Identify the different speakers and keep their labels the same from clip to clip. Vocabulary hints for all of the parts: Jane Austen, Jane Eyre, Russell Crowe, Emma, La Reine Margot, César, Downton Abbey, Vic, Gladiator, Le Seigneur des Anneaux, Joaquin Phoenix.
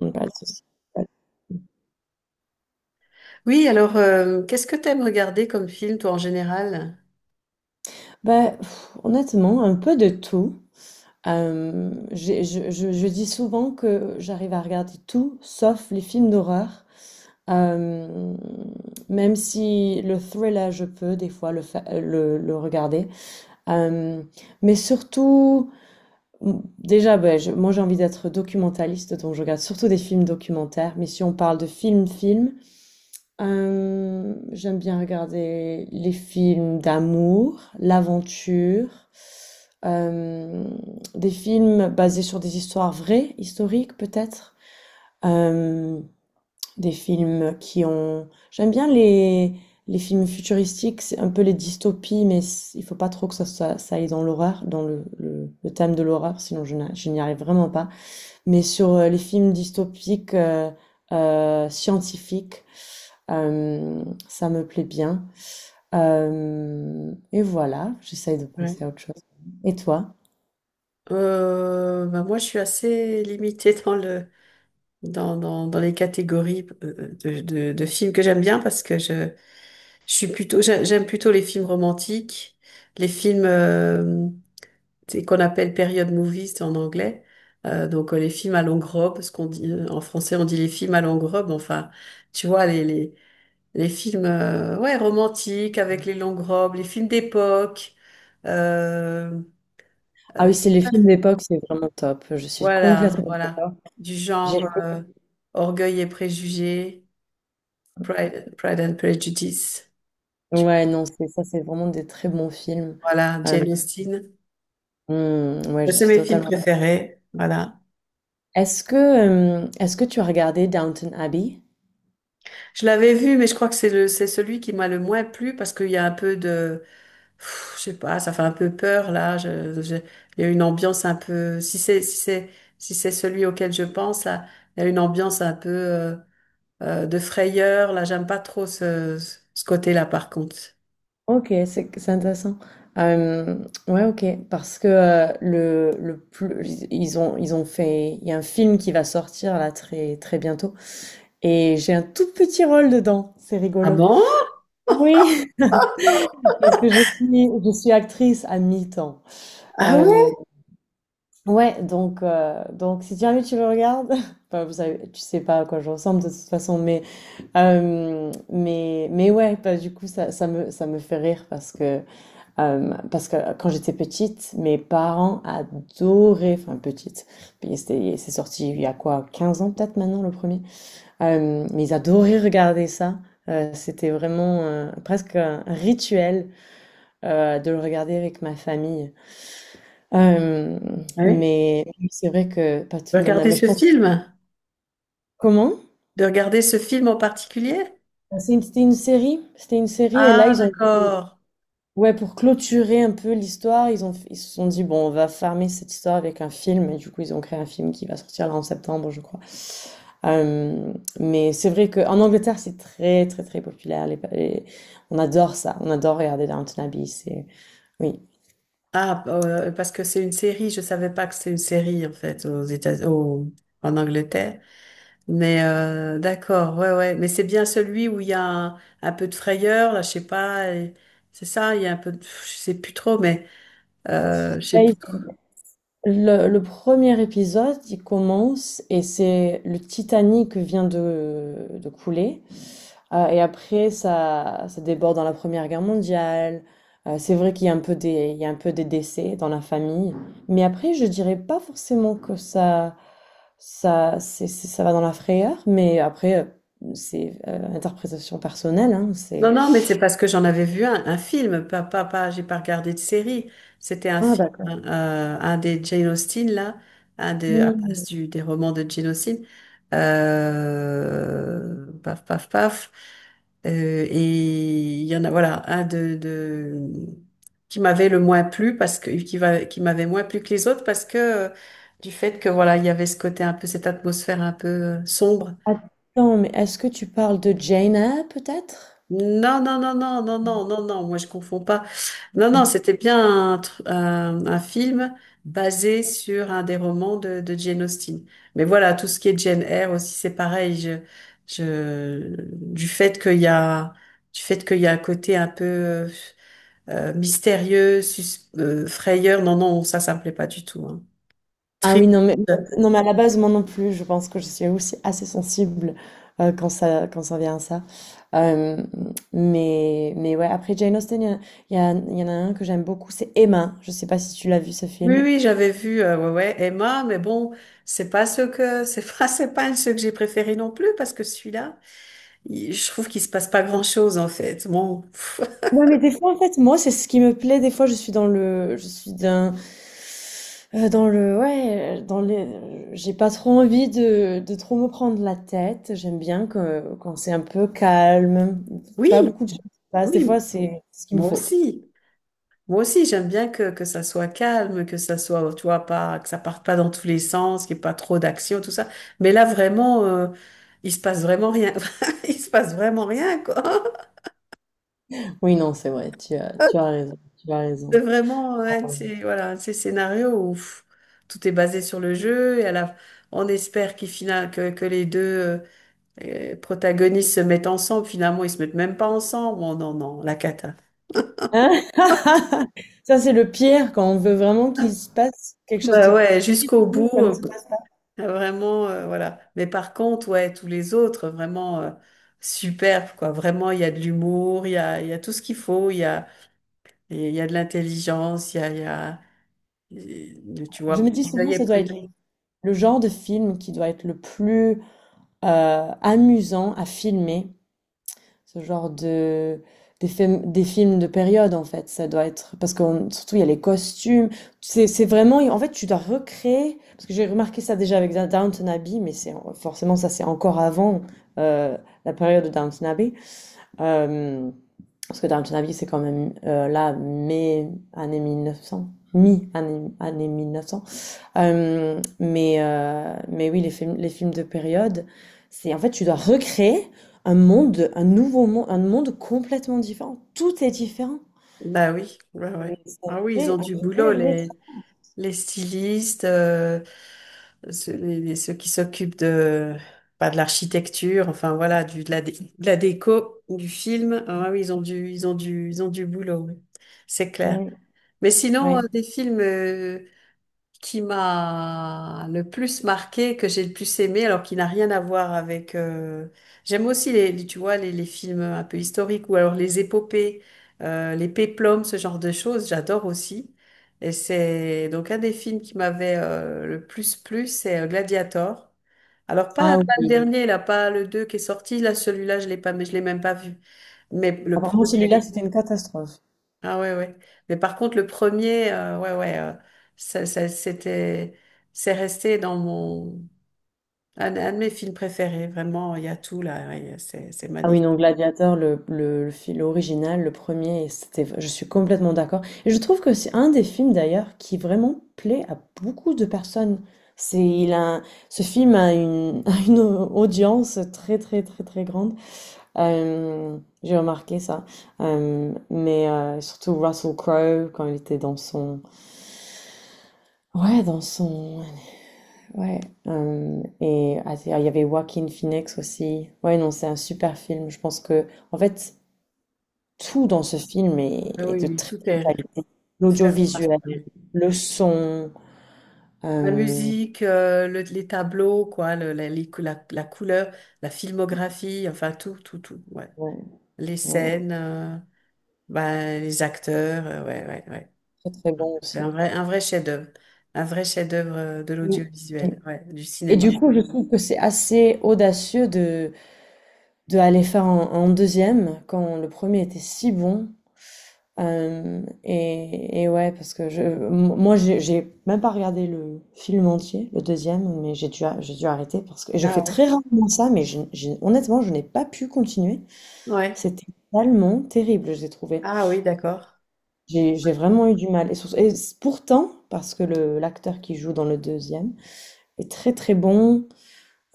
Speaker 1: Mmh, pas de souci. Pas de-
Speaker 2: Oui, alors, qu'est-ce que t'aimes regarder comme film, toi, en général?
Speaker 1: Bah, honnêtement, un peu de tout. Je dis souvent que j'arrive à regarder tout, sauf les films d'horreur. Euh, Même si le thriller, je peux des fois le regarder. Euh, mais surtout, déjà, ben, moi j'ai envie d'être documentaliste, donc je regarde surtout des films documentaires. Mais si on parle de film-film. J'aime bien regarder les films d'amour, l'aventure, euh, des films basés sur des histoires vraies, historiques peut-être, euh, des films qui ont... J'aime bien les films futuristiques, c'est un peu les dystopies, mais il faut pas trop que ça aille dans l'horreur, dans le thème de l'horreur, sinon je n'y arrive vraiment pas. Mais sur les films dystopiques scientifiques. Ça me plaît bien. Hem Et voilà, j'essaye de
Speaker 2: Ouais.
Speaker 1: penser à autre chose. Et toi?
Speaker 2: Bah, moi, je suis assez limitée dans dans les catégories de films que j'aime bien parce que je suis plutôt, j'aime plutôt les films romantiques, les films c'est qu'on appelle period movies en anglais. Donc les films à longue robe, ce qu'on dit, en français, on dit les films à longue robe. Enfin, tu vois, les films ouais, romantiques avec les longues robes, les films d'époque. Euh,
Speaker 1: Ah
Speaker 2: euh,
Speaker 1: oui, c'est les films d'époque, c'est vraiment top. Je suis
Speaker 2: voilà,
Speaker 1: complètement
Speaker 2: voilà.
Speaker 1: d'accord.
Speaker 2: Du
Speaker 1: J'ai
Speaker 2: genre,
Speaker 1: fait
Speaker 2: Orgueil et préjugés, Pride and Prejudice.
Speaker 1: Ouais, non, c'est ça, c'est vraiment des très bons films.
Speaker 2: Voilà,
Speaker 1: Heu,
Speaker 2: Jane Austen.
Speaker 1: mmh, ouais, je
Speaker 2: C'est
Speaker 1: suis
Speaker 2: mes films
Speaker 1: totalement.
Speaker 2: préférés. Voilà.
Speaker 1: Est-ce que tu as regardé Downton Abbey?
Speaker 2: Je l'avais vu, mais je crois que c'est celui qui m'a le moins plu parce qu'il y a un peu de... Pff, je sais pas, ça fait un peu peur là. Il y a une ambiance un peu. Si c'est celui auquel je pense là, il y a une ambiance un peu de frayeur. Là, j'aime pas trop ce côté-là par contre.
Speaker 1: Ok, c'est intéressant. Euh, ouais, ok, parce que le plus, ils ont fait, il y a un film qui va sortir là très très bientôt et j'ai un tout petit rôle dedans, c'est
Speaker 2: Ah
Speaker 1: rigolo.
Speaker 2: bon?
Speaker 1: Oui, parce que je suis actrice à mi-temps.
Speaker 2: Ah
Speaker 1: Euh,
Speaker 2: ouais?
Speaker 1: ouais, donc si jamais tu le regardes, bah, vous savez, tu sais pas à quoi je ressemble de toute façon, mais mais ouais, bah, du coup ça me fait rire parce que quand j'étais petite, mes parents adoraient, enfin petite, c'est sorti il y a quoi, 15 ans peut-être maintenant le premier. Mais ils adoraient regarder ça. C'était vraiment presque un rituel de le regarder avec ma famille. Euh,
Speaker 2: Ah oui.
Speaker 1: mais c'est vrai que pas
Speaker 2: De
Speaker 1: tout le monde a,
Speaker 2: regarder
Speaker 1: mais je
Speaker 2: ce
Speaker 1: pense.
Speaker 2: film?
Speaker 1: Comment?
Speaker 2: De regarder ce film en particulier?
Speaker 1: C'était une série et là
Speaker 2: Ah
Speaker 1: ils ont...
Speaker 2: d'accord.
Speaker 1: Ouais, pour clôturer un peu l'histoire, ils se sont dit, bon, on va farmer cette histoire avec un film, et du coup, ils ont créé un film qui va sortir là en septembre, je crois. Euh, mais c'est vrai qu'en Angleterre, c'est très, très, très populaire. On adore ça, on adore regarder Downton Abbey, c'est, oui.
Speaker 2: Parce que c'est une série. Je savais pas que c'est une série en fait aux États, au- en Angleterre. Mais d'accord, ouais, ouais. Mais c'est bien celui où il y a un peu de frayeur, là, je sais pas. Et- C'est ça, il y a un peu de... Je sais plus trop, mais je sais
Speaker 1: Là, il-
Speaker 2: plus.
Speaker 1: le, le premier épisode, il commence, et c'est le Titanic vient de couler. Et après, ça déborde dans la Première Guerre mondiale. C'est vrai qu'il y a un peu des, il y a un peu des décès dans la famille. Mais après, je dirais pas forcément que ça, ça va dans la frayeur. Mais après, c'est interprétation personnelle. Hein, c'est...
Speaker 2: Non, non, mais c'est parce que j'en avais vu un film, pas, j'ai pas regardé de série. C'était un
Speaker 1: Ah,
Speaker 2: film,
Speaker 1: d'accord.
Speaker 2: un des Jane Austen, là, un de, à base
Speaker 1: Hmm.
Speaker 2: des romans de Jane Austen. Paf, paf, paf. Et il y en a, voilà, un de qui m'avait le moins plu parce que, qui va, qui m'avait moins plu que les autres parce que, du fait que, voilà, il y avait ce côté un peu, cette atmosphère un peu sombre.
Speaker 1: Attends, mais est-ce que tu parles de Jaina, peut-être?
Speaker 2: Non, moi je confonds pas. Non, non, c'était bien un, un film basé sur un des romans de Jane Austen. Mais voilà, tout ce qui est Jane Eyre aussi, c'est pareil. Du fait qu'il y a, du fait qu'il y a un côté un peu mystérieux, frayeur, non, non, ça me plaît pas du tout, hein.
Speaker 1: Ah oui,
Speaker 2: Triste.
Speaker 1: non mais, à la base, moi non plus, je pense que je suis aussi assez sensible quand ça vient à ça. Euh, mais ouais, après Jane Austen, il y en a un que j'aime beaucoup, c'est Emma. Je sais pas si tu l'as vu ce
Speaker 2: Oui,
Speaker 1: film.
Speaker 2: oui, j'avais vu ouais, ouais, Emma, mais bon, c'est pas ce que, c'est pas, c'est pas ce que j'ai préféré non plus parce que celui-là, il- je trouve qu'il se passe pas grand-chose en fait. Bon, pff,
Speaker 1: Ouais, mais des fois, en fait, moi, c'est ce qui me plaît. Des fois, ouais, j'ai pas trop envie de trop me prendre la tête. J'aime bien que, quand c'est un peu calme,
Speaker 2: oui,
Speaker 1: pas beaucoup de choses qui se passent. Des fois,
Speaker 2: oui,
Speaker 1: c'est ce qu'il me
Speaker 2: moi
Speaker 1: faut.
Speaker 2: aussi. Moi aussi, j'aime bien que ça soit calme, que ça soit, tu vois, pas, que ça parte pas dans tous les sens, qu'il n'y ait pas trop d'action, tout ça. Mais là, vraiment, il se passe vraiment rien. Il se passe vraiment rien, quoi.
Speaker 1: Oui, non, c'est vrai, tu as raison, tu as
Speaker 2: C'est
Speaker 1: raison.
Speaker 2: vraiment un de ces, voilà, un de ces scénarios où pff, tout est basé sur le jeu et à la, on espère qu'il final, que les deux protagonistes se mettent ensemble. Finalement, ils se mettent même pas ensemble. Bon, non, non, la cata.
Speaker 1: Hein, ça, c'est le pire quand on veut vraiment qu'il se passe quelque chose
Speaker 2: Bah
Speaker 1: de
Speaker 2: ouais, jusqu'au bout,
Speaker 1: positif, ça ne se passe pas.
Speaker 2: vraiment, voilà. Mais par contre, ouais, tous les autres, vraiment superbes, quoi. Vraiment, il y a de l'humour, il y a tout ce qu'il faut, il y a de l'intelligence, il y a, il y a- il- tu
Speaker 1: Je
Speaker 2: vois,
Speaker 1: me dis
Speaker 2: pour
Speaker 1: souvent,
Speaker 2: veiller
Speaker 1: ça doit
Speaker 2: près.
Speaker 1: être le genre de film qui doit être le plus amusant à filmer. Ce genre de des films de période en fait ça doit être parce que surtout il y a les costumes, c'est vraiment en fait tu dois recréer parce que j'ai remarqué ça déjà avec Downton Abbey, mais c'est forcément ça c'est encore avant euh, la période de Downton Abbey. Euh, Parce que Downton Abbey c'est quand même là mai année 1900, année 1900, mais oui, les films de période, c'est en fait, tu dois recréer un monde, un nouveau monde, un monde complètement différent. Tout est différent.
Speaker 2: Bah oui, ouais, ouais.
Speaker 1: Mais ça
Speaker 2: Ah oui, ils
Speaker 1: fait
Speaker 2: ont du
Speaker 1: un
Speaker 2: boulot,
Speaker 1: vrai, vrai
Speaker 2: les stylistes, ceux, ceux qui s'occupent de, pas de l'architecture, enfin voilà, du, de la déco, du film. Ah oui, ils ont du boulot, oui. C'est clair.
Speaker 1: travail.
Speaker 2: Mais sinon,
Speaker 1: Oui.
Speaker 2: un des films qui m'a le plus marqué, que j'ai le plus aimé, alors qu'il n'a rien à voir avec... J'aime aussi, tu vois, les films un peu historiques ou alors les épopées, les péplums, ce genre de choses, j'adore aussi. Et c'est donc un des films qui m'avait le plus plu, c'est Gladiator. Alors pas,
Speaker 1: Ah
Speaker 2: pas le
Speaker 1: oui.
Speaker 2: dernier, là, pas le 2 qui est sorti, là, celui-là, je l'ai pas, mais je l'ai même pas vu. Mais le
Speaker 1: Apparemment, celui-là,
Speaker 2: premier.
Speaker 1: c'était une catastrophe.
Speaker 2: Ah ouais, ouais. Mais par contre, le premier, ouais, ouais, c'était, c'est resté dans mon, un de mes films préférés. Vraiment, il y a tout là, ouais, c'est
Speaker 1: Ah oui,
Speaker 2: magnifique.
Speaker 1: non, Gladiator, le film original, le premier, c'était, je suis complètement d'accord. Et je trouve que c'est un des films d'ailleurs qui vraiment plaît à beaucoup de personnes. C'est, il a, Ce film a une, a une audience très très très très grande. Euh, j'ai remarqué ça. Surtout Russell Crowe quand il était dans son, ouais, dans son. Ouais, et ah, il y avait Joaquin Phoenix aussi. Ouais, non, c'est un super film. Je pense que, en fait, tout dans ce film est,
Speaker 2: Ah oui,
Speaker 1: est de
Speaker 2: oui,
Speaker 1: très
Speaker 2: tout
Speaker 1: bonne
Speaker 2: est
Speaker 1: qualité.
Speaker 2: fait remarquer,
Speaker 1: L'audiovisuel,
Speaker 2: oui.
Speaker 1: le son,
Speaker 2: La
Speaker 1: euh,
Speaker 2: musique, les tableaux, quoi, la couleur, la filmographie, enfin tout, tout, tout, ouais.
Speaker 1: ouais,
Speaker 2: Les
Speaker 1: ouais,
Speaker 2: scènes, ben, les acteurs, ouais, ouais, ouais.
Speaker 1: très très bon
Speaker 2: C'est
Speaker 1: aussi.
Speaker 2: un vrai chef-d'œuvre de l'audiovisuel, ouais, du
Speaker 1: Et du
Speaker 2: cinéma.
Speaker 1: coup, je trouve que c'est assez audacieux de aller faire un deuxième quand le premier était si bon. Et ouais, parce que moi, j'ai même pas regardé le film entier, le deuxième, mais j'ai dû arrêter parce que et je
Speaker 2: Ah
Speaker 1: fais
Speaker 2: ouais.
Speaker 1: très rarement ça, mais honnêtement, je n'ai pas pu continuer.
Speaker 2: Ouais.
Speaker 1: C'était tellement terrible, je l'ai trouvé.
Speaker 2: Ah oui, d'accord.
Speaker 1: J'ai vraiment eu du mal. Et, pourtant, parce que le l'acteur qui joue dans le deuxième est très très bon.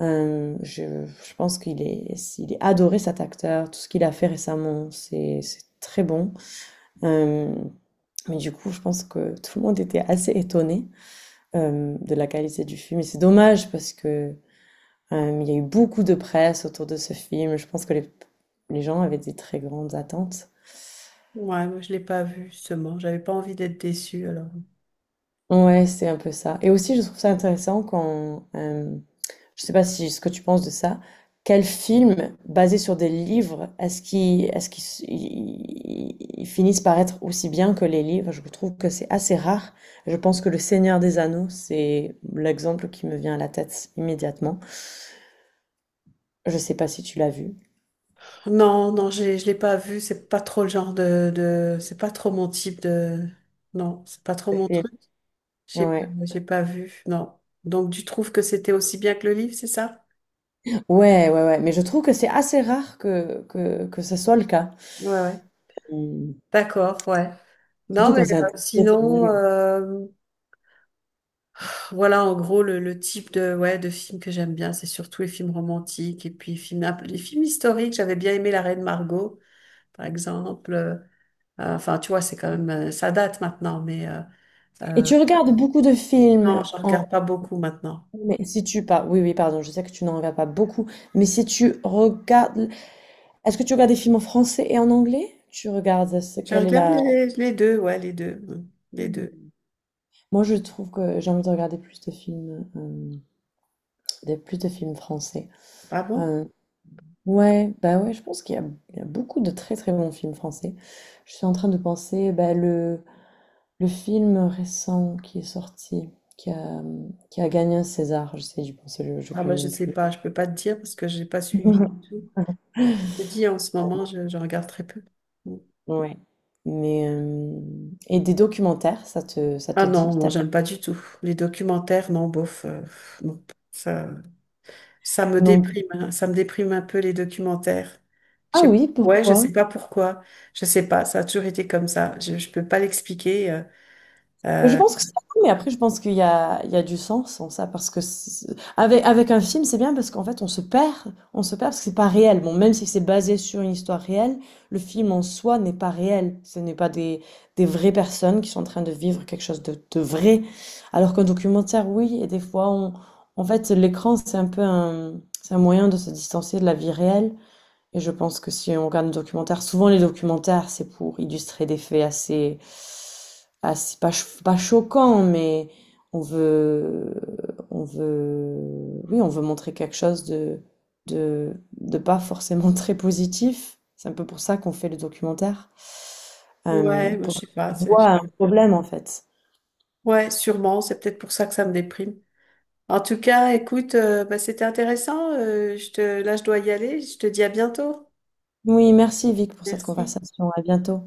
Speaker 1: Je pense il est adoré cet acteur. Tout ce qu'il a fait récemment, c'est très bon. Euh, Mais du coup, je pense que tout le monde était assez étonné de la qualité du film. Et c'est dommage parce que il y a eu beaucoup de presse autour de ce film. Je pense que les gens avaient des très grandes attentes.
Speaker 2: Ouais, moi je l'ai pas vu justement. J'avais pas envie d'être déçue alors.
Speaker 1: Ouais, c'est un peu ça. Et aussi, je trouve ça intéressant quand je sais pas si ce que tu penses de ça. Quel film basé sur des livres est-ce qu'ils ils finissent par être aussi bien que les livres? Je trouve que c'est assez rare. Je pense que Le Seigneur des Anneaux, c'est l'exemple qui me vient à la tête immédiatement. Je sais pas si tu l'as vu.
Speaker 2: Non, non, j'ai, je l'ai pas vu. C'est pas trop le genre de, c'est pas trop mon type de. Non, c'est pas trop
Speaker 1: Le
Speaker 2: mon
Speaker 1: film.
Speaker 2: truc. J'ai, pas-
Speaker 1: Ouais.
Speaker 2: j'ai pas vu. Non. Donc tu trouves que c'était aussi bien que le livre, c'est ça?
Speaker 1: Ouais, ouais, ouais. Mais je trouve que c'est assez rare que, ce soit le cas.
Speaker 2: Ouais, ouais.
Speaker 1: Hum.
Speaker 2: D'accord, ouais. Non,
Speaker 1: Surtout
Speaker 2: mais
Speaker 1: quand c'est un très très bon
Speaker 2: sinon,
Speaker 1: livre.
Speaker 2: voilà en gros le type de, ouais, de film que j'aime bien, c'est surtout les films romantiques et puis films, un peu- les films historiques. J'avais bien aimé La Reine Margot, par exemple. Enfin, tu vois, c'est quand même, ça date maintenant, mais
Speaker 1: Et
Speaker 2: euh,
Speaker 1: tu regardes beaucoup de
Speaker 2: non,
Speaker 1: films.
Speaker 2: je regarde pas beaucoup maintenant.
Speaker 1: Mais si tu pas, oui, oui, pardon, je sais que tu n'en regardes pas beaucoup, mais si tu regardes, est-ce que tu regardes des films en français et en anglais? Tu regardes ce
Speaker 2: Je
Speaker 1: quelle est
Speaker 2: regarde
Speaker 1: la.
Speaker 2: les deux, ouais, les deux, mm, les deux.
Speaker 1: Hmm. Moi, je trouve que j'ai envie de regarder plus de films, des plus de films français.
Speaker 2: Ah bon?
Speaker 1: Euh, ouais, bah ouais, je pense il y a beaucoup de très très bons films français. Je suis en train de penser, bah, le film récent qui est sorti, qui a qui a gagné un César, j'essaie d'y penser, je
Speaker 2: Ah bah
Speaker 1: connais
Speaker 2: je
Speaker 1: même
Speaker 2: sais
Speaker 1: plus.
Speaker 2: pas, je peux pas te dire parce que j'ai pas suivi du tout. Je te dis en ce moment, je regarde très peu. Mm.
Speaker 1: Ouais. Mais euh, et des documentaires, ça te ça
Speaker 2: Ah
Speaker 1: te
Speaker 2: non,
Speaker 1: dit?
Speaker 2: non, j'aime pas du tout. Les documentaires, non, bof, non, ça, ça me
Speaker 1: Non.
Speaker 2: déprime, hein, ça me déprime un peu les documentaires. Je
Speaker 1: Ah
Speaker 2: sais,
Speaker 1: oui,
Speaker 2: ouais, je
Speaker 1: pourquoi?
Speaker 2: sais pas pourquoi, je sais pas, ça a toujours été comme ça. Je peux pas l'expliquer.
Speaker 1: Je pense que c'est cool, mais après je pense qu'il y a du sens en ça parce que avec un film, c'est bien parce qu'en fait on se perd parce que c'est pas réel. Bon, même si c'est basé sur une histoire réelle, le film en soi n'est pas réel. Ce n'est pas des vraies personnes qui sont en train de vivre quelque chose de vrai. Alors qu'un documentaire, oui, et des fois on en fait l'écran, c'est un peu un c'est un moyen de se distancer de la vie réelle. Et je pense que si on regarde un documentaire, souvent les documentaires, c'est pour illustrer des faits assez, pas choquants, mais on veut, oui, on veut montrer quelque chose de, de pas forcément très positif. C'est un peu pour ça qu'on fait le documentaire,
Speaker 2: Ouais, moi,
Speaker 1: pour
Speaker 2: je sais pas.
Speaker 1: donner voix
Speaker 2: C'est-
Speaker 1: à un problème en fait.
Speaker 2: ouais, sûrement. C'est peut-être pour ça que ça me déprime. En tout cas, écoute, bah, c'était intéressant. Je te... Là, je dois y aller. Je te dis à bientôt.
Speaker 1: Oui, merci Vic pour cette
Speaker 2: Merci.
Speaker 1: conversation. À bientôt.